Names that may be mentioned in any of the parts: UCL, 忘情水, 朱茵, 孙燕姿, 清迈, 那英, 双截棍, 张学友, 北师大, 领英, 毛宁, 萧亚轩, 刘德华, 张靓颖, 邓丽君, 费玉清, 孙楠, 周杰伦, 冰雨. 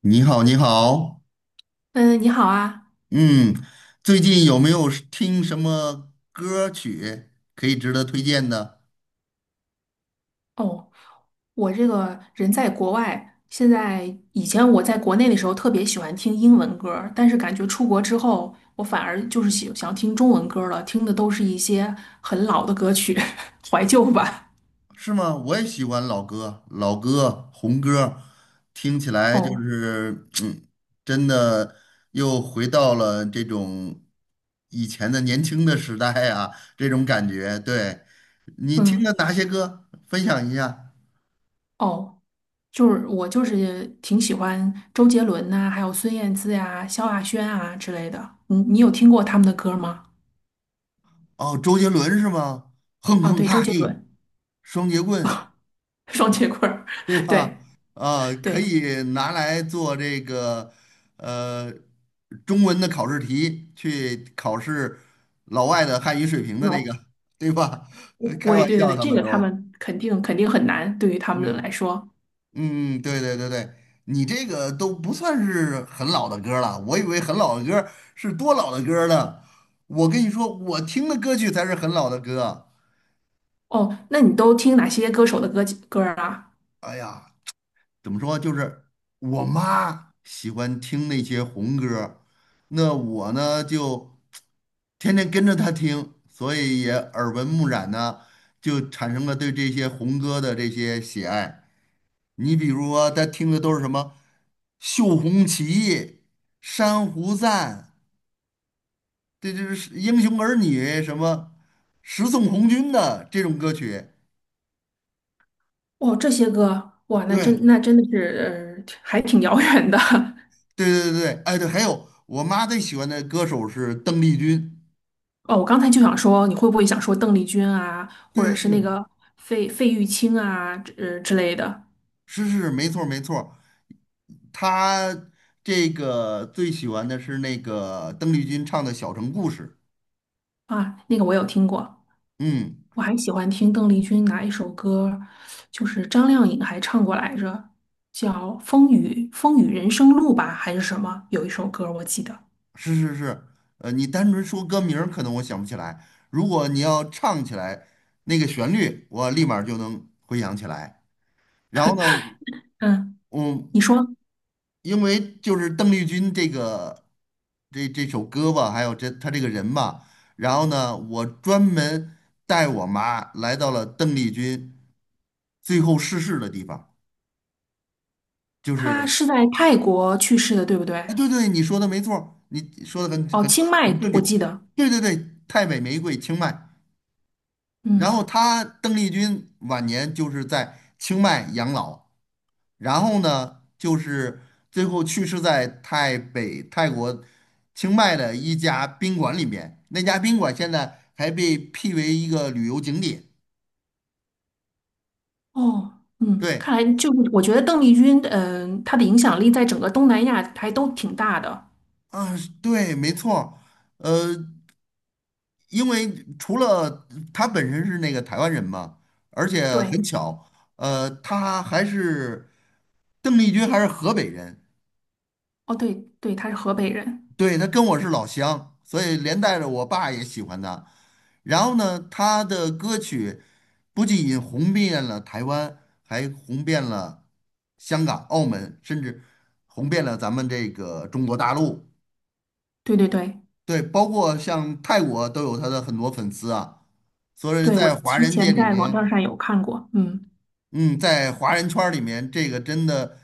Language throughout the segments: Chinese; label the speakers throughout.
Speaker 1: 你好，你好。
Speaker 2: 嗯，你好啊。
Speaker 1: 嗯，最近有没有是听什么歌曲可以值得推荐的？
Speaker 2: 哦，我这个人在国外，现在以前我在国内的时候特别喜欢听英文歌儿，但是感觉出国之后，我反而就是喜想听中文歌儿了，听的都是一些很老的歌曲，怀旧吧。
Speaker 1: 是吗？我也喜欢老歌，老歌、红歌，听起来就
Speaker 2: 哦，
Speaker 1: 是，真的又回到了这种以前的年轻的时代啊，这种感觉。对，你听了
Speaker 2: 嗯，
Speaker 1: 哪些歌？分享一下。
Speaker 2: 哦，就是我就是挺喜欢周杰伦呐、还有孙燕姿呀、萧亚轩啊之类的。你有听过他们的歌吗？
Speaker 1: 哦，周杰伦是吗？哼
Speaker 2: 啊，
Speaker 1: 哼
Speaker 2: 对，周
Speaker 1: 哈
Speaker 2: 杰
Speaker 1: 嘿，
Speaker 2: 伦，
Speaker 1: 双截棍。
Speaker 2: 双截棍儿，
Speaker 1: 对 吧？
Speaker 2: 对
Speaker 1: 啊，可
Speaker 2: 对。
Speaker 1: 以拿来做这个呃中文的考试题，去考试老外的汉语水平的那个，对吧？
Speaker 2: 不
Speaker 1: 开
Speaker 2: 会，
Speaker 1: 玩
Speaker 2: 对对
Speaker 1: 笑，
Speaker 2: 对，
Speaker 1: 他
Speaker 2: 这
Speaker 1: 们
Speaker 2: 个他
Speaker 1: 都，
Speaker 2: 们肯定很难，对于他们来
Speaker 1: 嗯
Speaker 2: 说。
Speaker 1: 嗯，对对对对。你这个都不算是很老的歌儿了，我以为很老的歌儿是多老的歌儿呢。我跟你说，我听的歌曲才是很老的歌。
Speaker 2: 哦，那你都听哪些歌手的歌儿啊？
Speaker 1: 哎呀，怎么说，就是我妈喜欢听那些红歌，那我呢就天天跟着她听，所以也耳闻目染呢，就产生了对这些红歌的这些喜爱。你比如说，她听的都是什么《绣红旗》《珊瑚赞》，这就是《英雄儿女》，什么《十送红军》的这种歌曲。
Speaker 2: 哦，这些歌，哇，那真
Speaker 1: 对
Speaker 2: 那真的是，还挺遥远的。
Speaker 1: 对对对，哎对，还有我妈最喜欢的歌手是邓丽君。
Speaker 2: 哦，我刚才就想说，你会不会想说邓丽君啊，或
Speaker 1: 对
Speaker 2: 者
Speaker 1: 对
Speaker 2: 是那
Speaker 1: 对，
Speaker 2: 个费玉清啊，之类的
Speaker 1: 是是没错没错，他这个最喜欢的是那个邓丽君唱的《小城故事》。
Speaker 2: 啊？那个我有听过，
Speaker 1: 嗯，
Speaker 2: 我还喜欢听邓丽君哪一首歌，就是张靓颖还唱过来着，叫《风雨人生路》吧，还是什么？有一首歌我记得。
Speaker 1: 是是是，你单纯说歌名儿可能我想不起来，如果你要唱起来那个旋律，我立马儿就能回想起来。然后呢，
Speaker 2: 嗯，你
Speaker 1: 我
Speaker 2: 说
Speaker 1: 因为就是邓丽君这个这首歌吧，还有这她这个人吧，然后呢，我专门带我妈来到了邓丽君最后逝世的地方，就
Speaker 2: 他
Speaker 1: 是。
Speaker 2: 是在泰国去世的，对不对？
Speaker 1: 啊，对对，你说的没错儿，你说的
Speaker 2: 哦，
Speaker 1: 很
Speaker 2: 清迈，
Speaker 1: 很正确。
Speaker 2: 我记得。
Speaker 1: 对对对，太北玫瑰清迈，然后
Speaker 2: 嗯，
Speaker 1: 她邓丽君晚年就是在清迈养老。然后呢，就是最后去世在泰北泰国清迈的一家宾馆里面。那家宾馆现在还被辟为一个旅游景点。
Speaker 2: 哦，嗯，
Speaker 1: 对，
Speaker 2: 看来就是我觉得邓丽君，嗯、她的影响力在整个东南亚还都挺大的。
Speaker 1: 啊，对，没错儿。呃，因为除了他本身是那个台湾人嘛，而且
Speaker 2: 对，
Speaker 1: 很巧，他还是邓丽君还是河北人。
Speaker 2: 哦，对对，她是河北人。
Speaker 1: 对，他跟我是老乡，所以连带着我爸也喜欢他。然后呢，他的歌曲不仅红遍了台湾，还红遍了香港、澳门，甚至红遍了咱们这个中国大陆。
Speaker 2: 对对对
Speaker 1: 对，包括像泰国都有他的很多粉丝啊。所以
Speaker 2: 对，我
Speaker 1: 在华
Speaker 2: 之
Speaker 1: 人界
Speaker 2: 前
Speaker 1: 里
Speaker 2: 在网站
Speaker 1: 面，
Speaker 2: 上有看过。嗯
Speaker 1: 嗯，在华人圈儿里面，这个真的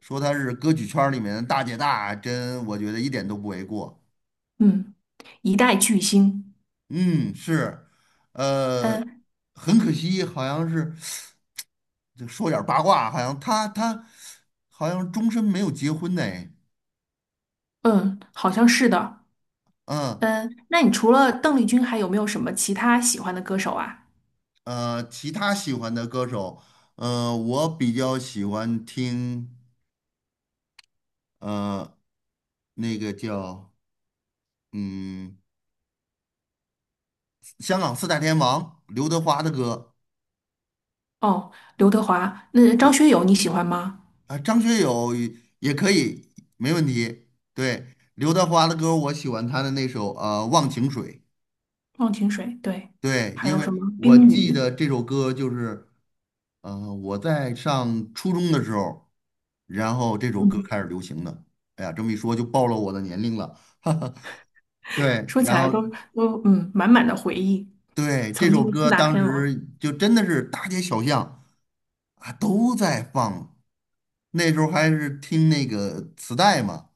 Speaker 1: 说他是歌曲圈儿里面的大姐大，真我觉得一点都不为过。
Speaker 2: 嗯，一代巨星。
Speaker 1: 嗯，是。呃，
Speaker 2: 嗯
Speaker 1: 很可惜，好像是就说点儿八卦，好像他好像终身没有结婚呢。
Speaker 2: 嗯，好像是的。
Speaker 1: 嗯。
Speaker 2: 嗯，那你除了邓丽君，还有没有什么其他喜欢的歌手啊？
Speaker 1: 其他喜欢的歌手，我比较喜欢听呃那个叫嗯香港四大天王刘德华的歌。
Speaker 2: 哦，刘德华，那张学友你喜欢吗？
Speaker 1: 啊，张学友也可以，没问题。对，刘德华的歌，我喜欢他的那首《忘情水》。
Speaker 2: 忘情水，对，
Speaker 1: 对，
Speaker 2: 还
Speaker 1: 因
Speaker 2: 有
Speaker 1: 为
Speaker 2: 什么
Speaker 1: 我
Speaker 2: 冰
Speaker 1: 记
Speaker 2: 雨，
Speaker 1: 得这首歌就是，我在上初中的时候，然后这首歌
Speaker 2: 嗯，
Speaker 1: 开始流行的。哎呀，这么一说就暴露我的年龄了，哈哈。对，
Speaker 2: 说起
Speaker 1: 然
Speaker 2: 来都
Speaker 1: 后
Speaker 2: 都满满的回忆，
Speaker 1: 对这
Speaker 2: 曾
Speaker 1: 首
Speaker 2: 经的四
Speaker 1: 歌
Speaker 2: 大
Speaker 1: 当
Speaker 2: 天王，
Speaker 1: 时就真的是大街小巷啊都在放，那时候还是听那个磁带嘛，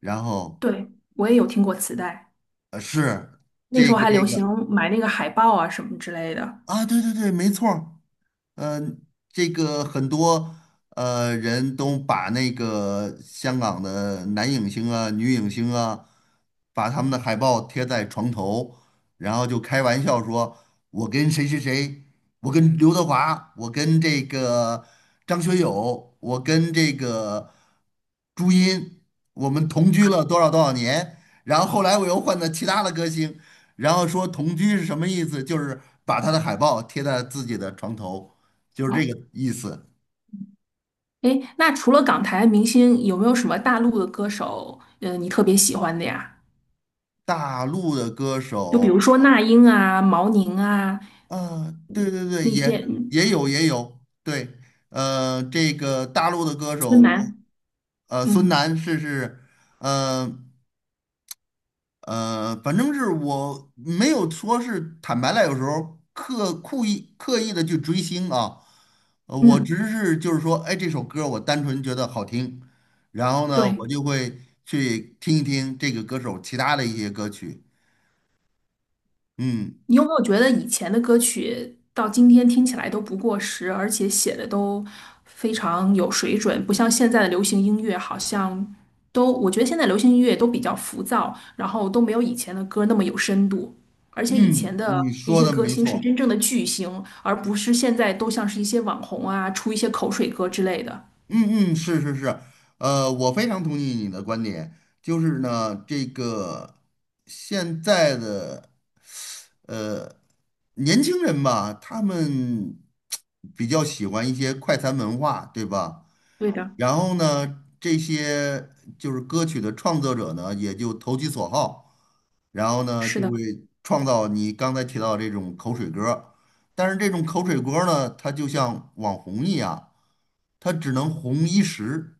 Speaker 1: 然后
Speaker 2: 对，我也有听过磁带，
Speaker 1: 是
Speaker 2: 那时候还
Speaker 1: 这
Speaker 2: 流行
Speaker 1: 个。
Speaker 2: 买那个海报啊什么之类的。
Speaker 1: 啊，对对对，没错儿。嗯、这个很多人都把那个香港的男影星啊、女影星啊，把他们的海报贴在床头，然后就开玩笑说：“我跟谁谁谁，我跟刘德华，我跟这个张学友，我跟这个朱茵，我们同居了多少多少年。”然后后来我又换了其他的歌星，然后说同居是什么意思？就是把他的海报贴在自己的床头，就是这个意思。
Speaker 2: 诶，那除了港台明星，有没有什么大陆的歌手，你特别喜欢的呀？
Speaker 1: 大陆的歌
Speaker 2: 就比如
Speaker 1: 手
Speaker 2: 说那英啊、毛宁啊
Speaker 1: 啊，对对对，
Speaker 2: 那些，嗯，
Speaker 1: 也有也有，对，这个大陆的歌
Speaker 2: 孙
Speaker 1: 手，
Speaker 2: 楠，
Speaker 1: 孙
Speaker 2: 嗯
Speaker 1: 楠是是，嗯。反正是我没有说是坦白了，有时候故意刻意的去追星啊，我只
Speaker 2: 嗯，
Speaker 1: 是就是说，哎，这首歌我单纯觉得好听，然后呢，
Speaker 2: 对，
Speaker 1: 我就会去听一听这个歌手其他的一些歌曲。嗯
Speaker 2: 你有没有觉得以前的歌曲到今天听起来都不过时，而且写的都非常有水准，不像现在的流行音乐，好像都，我觉得现在流行音乐都比较浮躁，然后都没有以前的歌那么有深度。而且以
Speaker 1: 嗯，
Speaker 2: 前的
Speaker 1: 你
Speaker 2: 那
Speaker 1: 说
Speaker 2: 些
Speaker 1: 的
Speaker 2: 歌
Speaker 1: 没
Speaker 2: 星是
Speaker 1: 错。
Speaker 2: 真正的巨星，而不是现在都像是一些网红啊，出一些口水歌之类的。
Speaker 1: 嗯嗯，是是是，我非常同意你的观点，就是呢，这个现在的。呃，年轻人吧，他们 比较喜欢一些快餐文化，对吧？
Speaker 2: 对的，
Speaker 1: 然后呢，这些就是歌曲的创作者呢，也就投其所好，然后呢，
Speaker 2: 是
Speaker 1: 就
Speaker 2: 的，
Speaker 1: 会创造你刚才提到这种口水歌儿。但是这种口水歌儿呢，它就像网红一样，它只能红一时，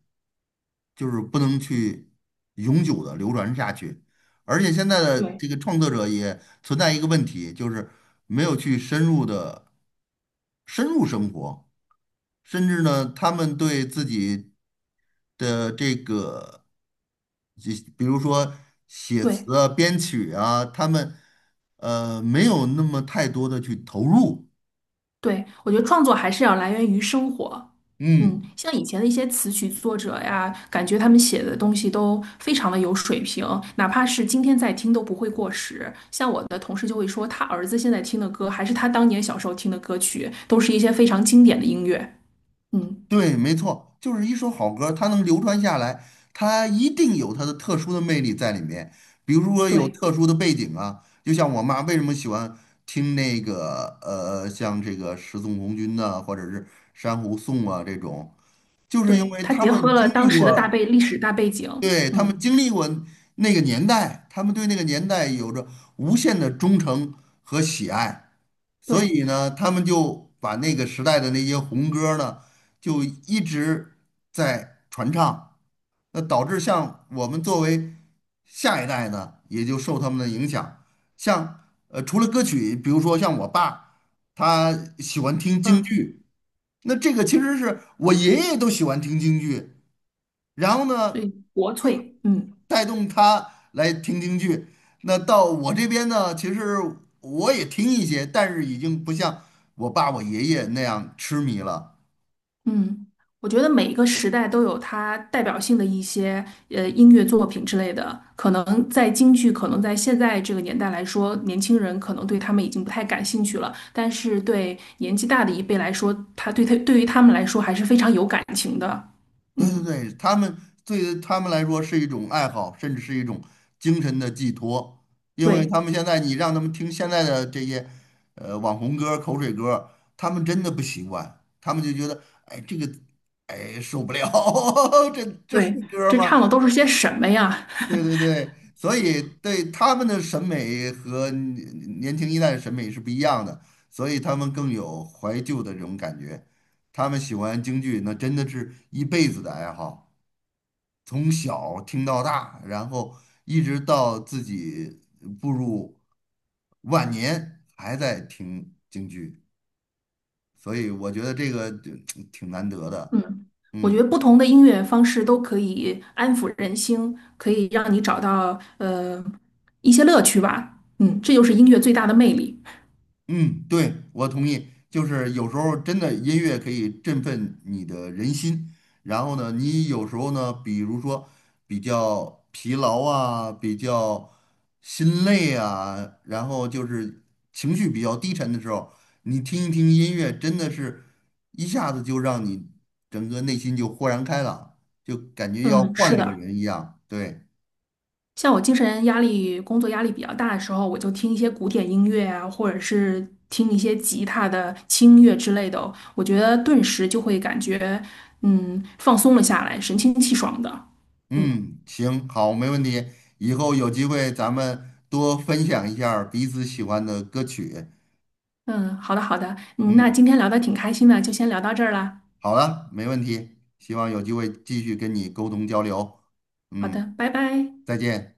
Speaker 1: 就是不能去永久的流传下去。而且现在的
Speaker 2: 对
Speaker 1: 这个创作者也存在一个问题，就是没有去深入生活，甚至呢，他们对自己的这个，就比如说写
Speaker 2: 对。
Speaker 1: 词啊、编曲啊，他们没有那么太多的去投入，
Speaker 2: 对，我觉得创作还是要来源于生活。嗯，
Speaker 1: 嗯。
Speaker 2: 像以前的一些词曲作者呀，感觉他们写的东西都非常的有水平，哪怕是今天在听都不会过时。像我的同事就会说，他儿子现在听的歌，还是他当年小时候听的歌曲，都是一些非常经典的音乐。嗯，
Speaker 1: 对，没错，就是一首好歌，它能流传下来，它一定有它的特殊的魅力在里面。比如说有
Speaker 2: 对
Speaker 1: 特殊的背景啊，就像我妈为什么喜欢听那个像这个十送红军呐、或者是珊瑚颂啊这种，就是因
Speaker 2: 对，
Speaker 1: 为
Speaker 2: 他
Speaker 1: 他
Speaker 2: 结
Speaker 1: 们
Speaker 2: 合
Speaker 1: 经
Speaker 2: 了当
Speaker 1: 历
Speaker 2: 时的
Speaker 1: 过，
Speaker 2: 历史大背景。
Speaker 1: 对，他们
Speaker 2: 嗯，
Speaker 1: 经历过那个年代，他们对那个年代有着无限的忠诚和喜爱，所
Speaker 2: 对，
Speaker 1: 以呢，他们就把那个时代的那些红歌儿呢，就一直在传唱，那导致像我们作为下一代呢，也就受他们的影响。像除了歌曲，比如说像我爸，他喜欢听京
Speaker 2: 嗯，
Speaker 1: 剧，那这个其实是我爷爷都喜欢听京剧，然后
Speaker 2: 所
Speaker 1: 呢。
Speaker 2: 以国粹，嗯。
Speaker 1: 带动他来听京剧。那到我这边呢，其实我也听一些，但是已经不像我爸我爷爷那样痴迷了。
Speaker 2: 嗯，我觉得每一个时代都有它代表性的一些音乐作品之类的，可能在京剧，可能在现在这个年代来说，年轻人可能对他们已经不太感兴趣了，但是对年纪大的一辈来说，他对于他们来说还是非常有感情的。
Speaker 1: 对对
Speaker 2: 嗯，
Speaker 1: 对，对他们来说是一种爱好，甚至是一种精神的寄托。因为他
Speaker 2: 对
Speaker 1: 们现在你让他们听现在的这些网红歌、口水歌，他们真的不习惯，他们就觉得哎这个哎受不了，这这是
Speaker 2: 对，
Speaker 1: 歌
Speaker 2: 这
Speaker 1: 吗？
Speaker 2: 唱的都是些什么呀？
Speaker 1: 对对对，所以对他们的审美和年轻一代的审美是不一样的，所以他们更有怀旧的这种感觉。他们喜欢京剧，那真的是一辈子的爱好，从小听到大，然后一直到自己步入晚年还在听京剧，所以我觉得这个就 挺难得的。
Speaker 2: 嗯，我觉
Speaker 1: 嗯。
Speaker 2: 得不同的音乐方式都可以安抚人心，可以让你找到一些乐趣吧。嗯，这就是音乐最大的魅力。
Speaker 1: 嗯，对，我同意。就是有时候真的音乐可以振奋你的人心，然后呢，你有时候呢，比如说比较疲劳啊，比较心累啊，然后就是情绪比较低沉的时候，你听一听音乐，真的是一下子就让你整个内心就豁然开朗，就感觉要
Speaker 2: 嗯，
Speaker 1: 换
Speaker 2: 是
Speaker 1: 了个
Speaker 2: 的，
Speaker 1: 人一样。对，
Speaker 2: 像我精神压力、工作压力比较大的时候，我就听一些古典音乐啊，或者是听一些吉他的轻音乐之类的哦，我觉得顿时就会感觉，嗯，放松了下来，神清气爽的。嗯
Speaker 1: 嗯，行，好，没问题。以后有机会咱们多分享一下儿彼此喜欢的歌曲。
Speaker 2: 嗯，好的好的，嗯，那
Speaker 1: 嗯，
Speaker 2: 今天聊的挺开心的，就先聊到这儿啦。
Speaker 1: 好了，没问题。希望有机会继续跟你沟通交流。
Speaker 2: 好
Speaker 1: 嗯，
Speaker 2: 的，拜拜。
Speaker 1: 再见。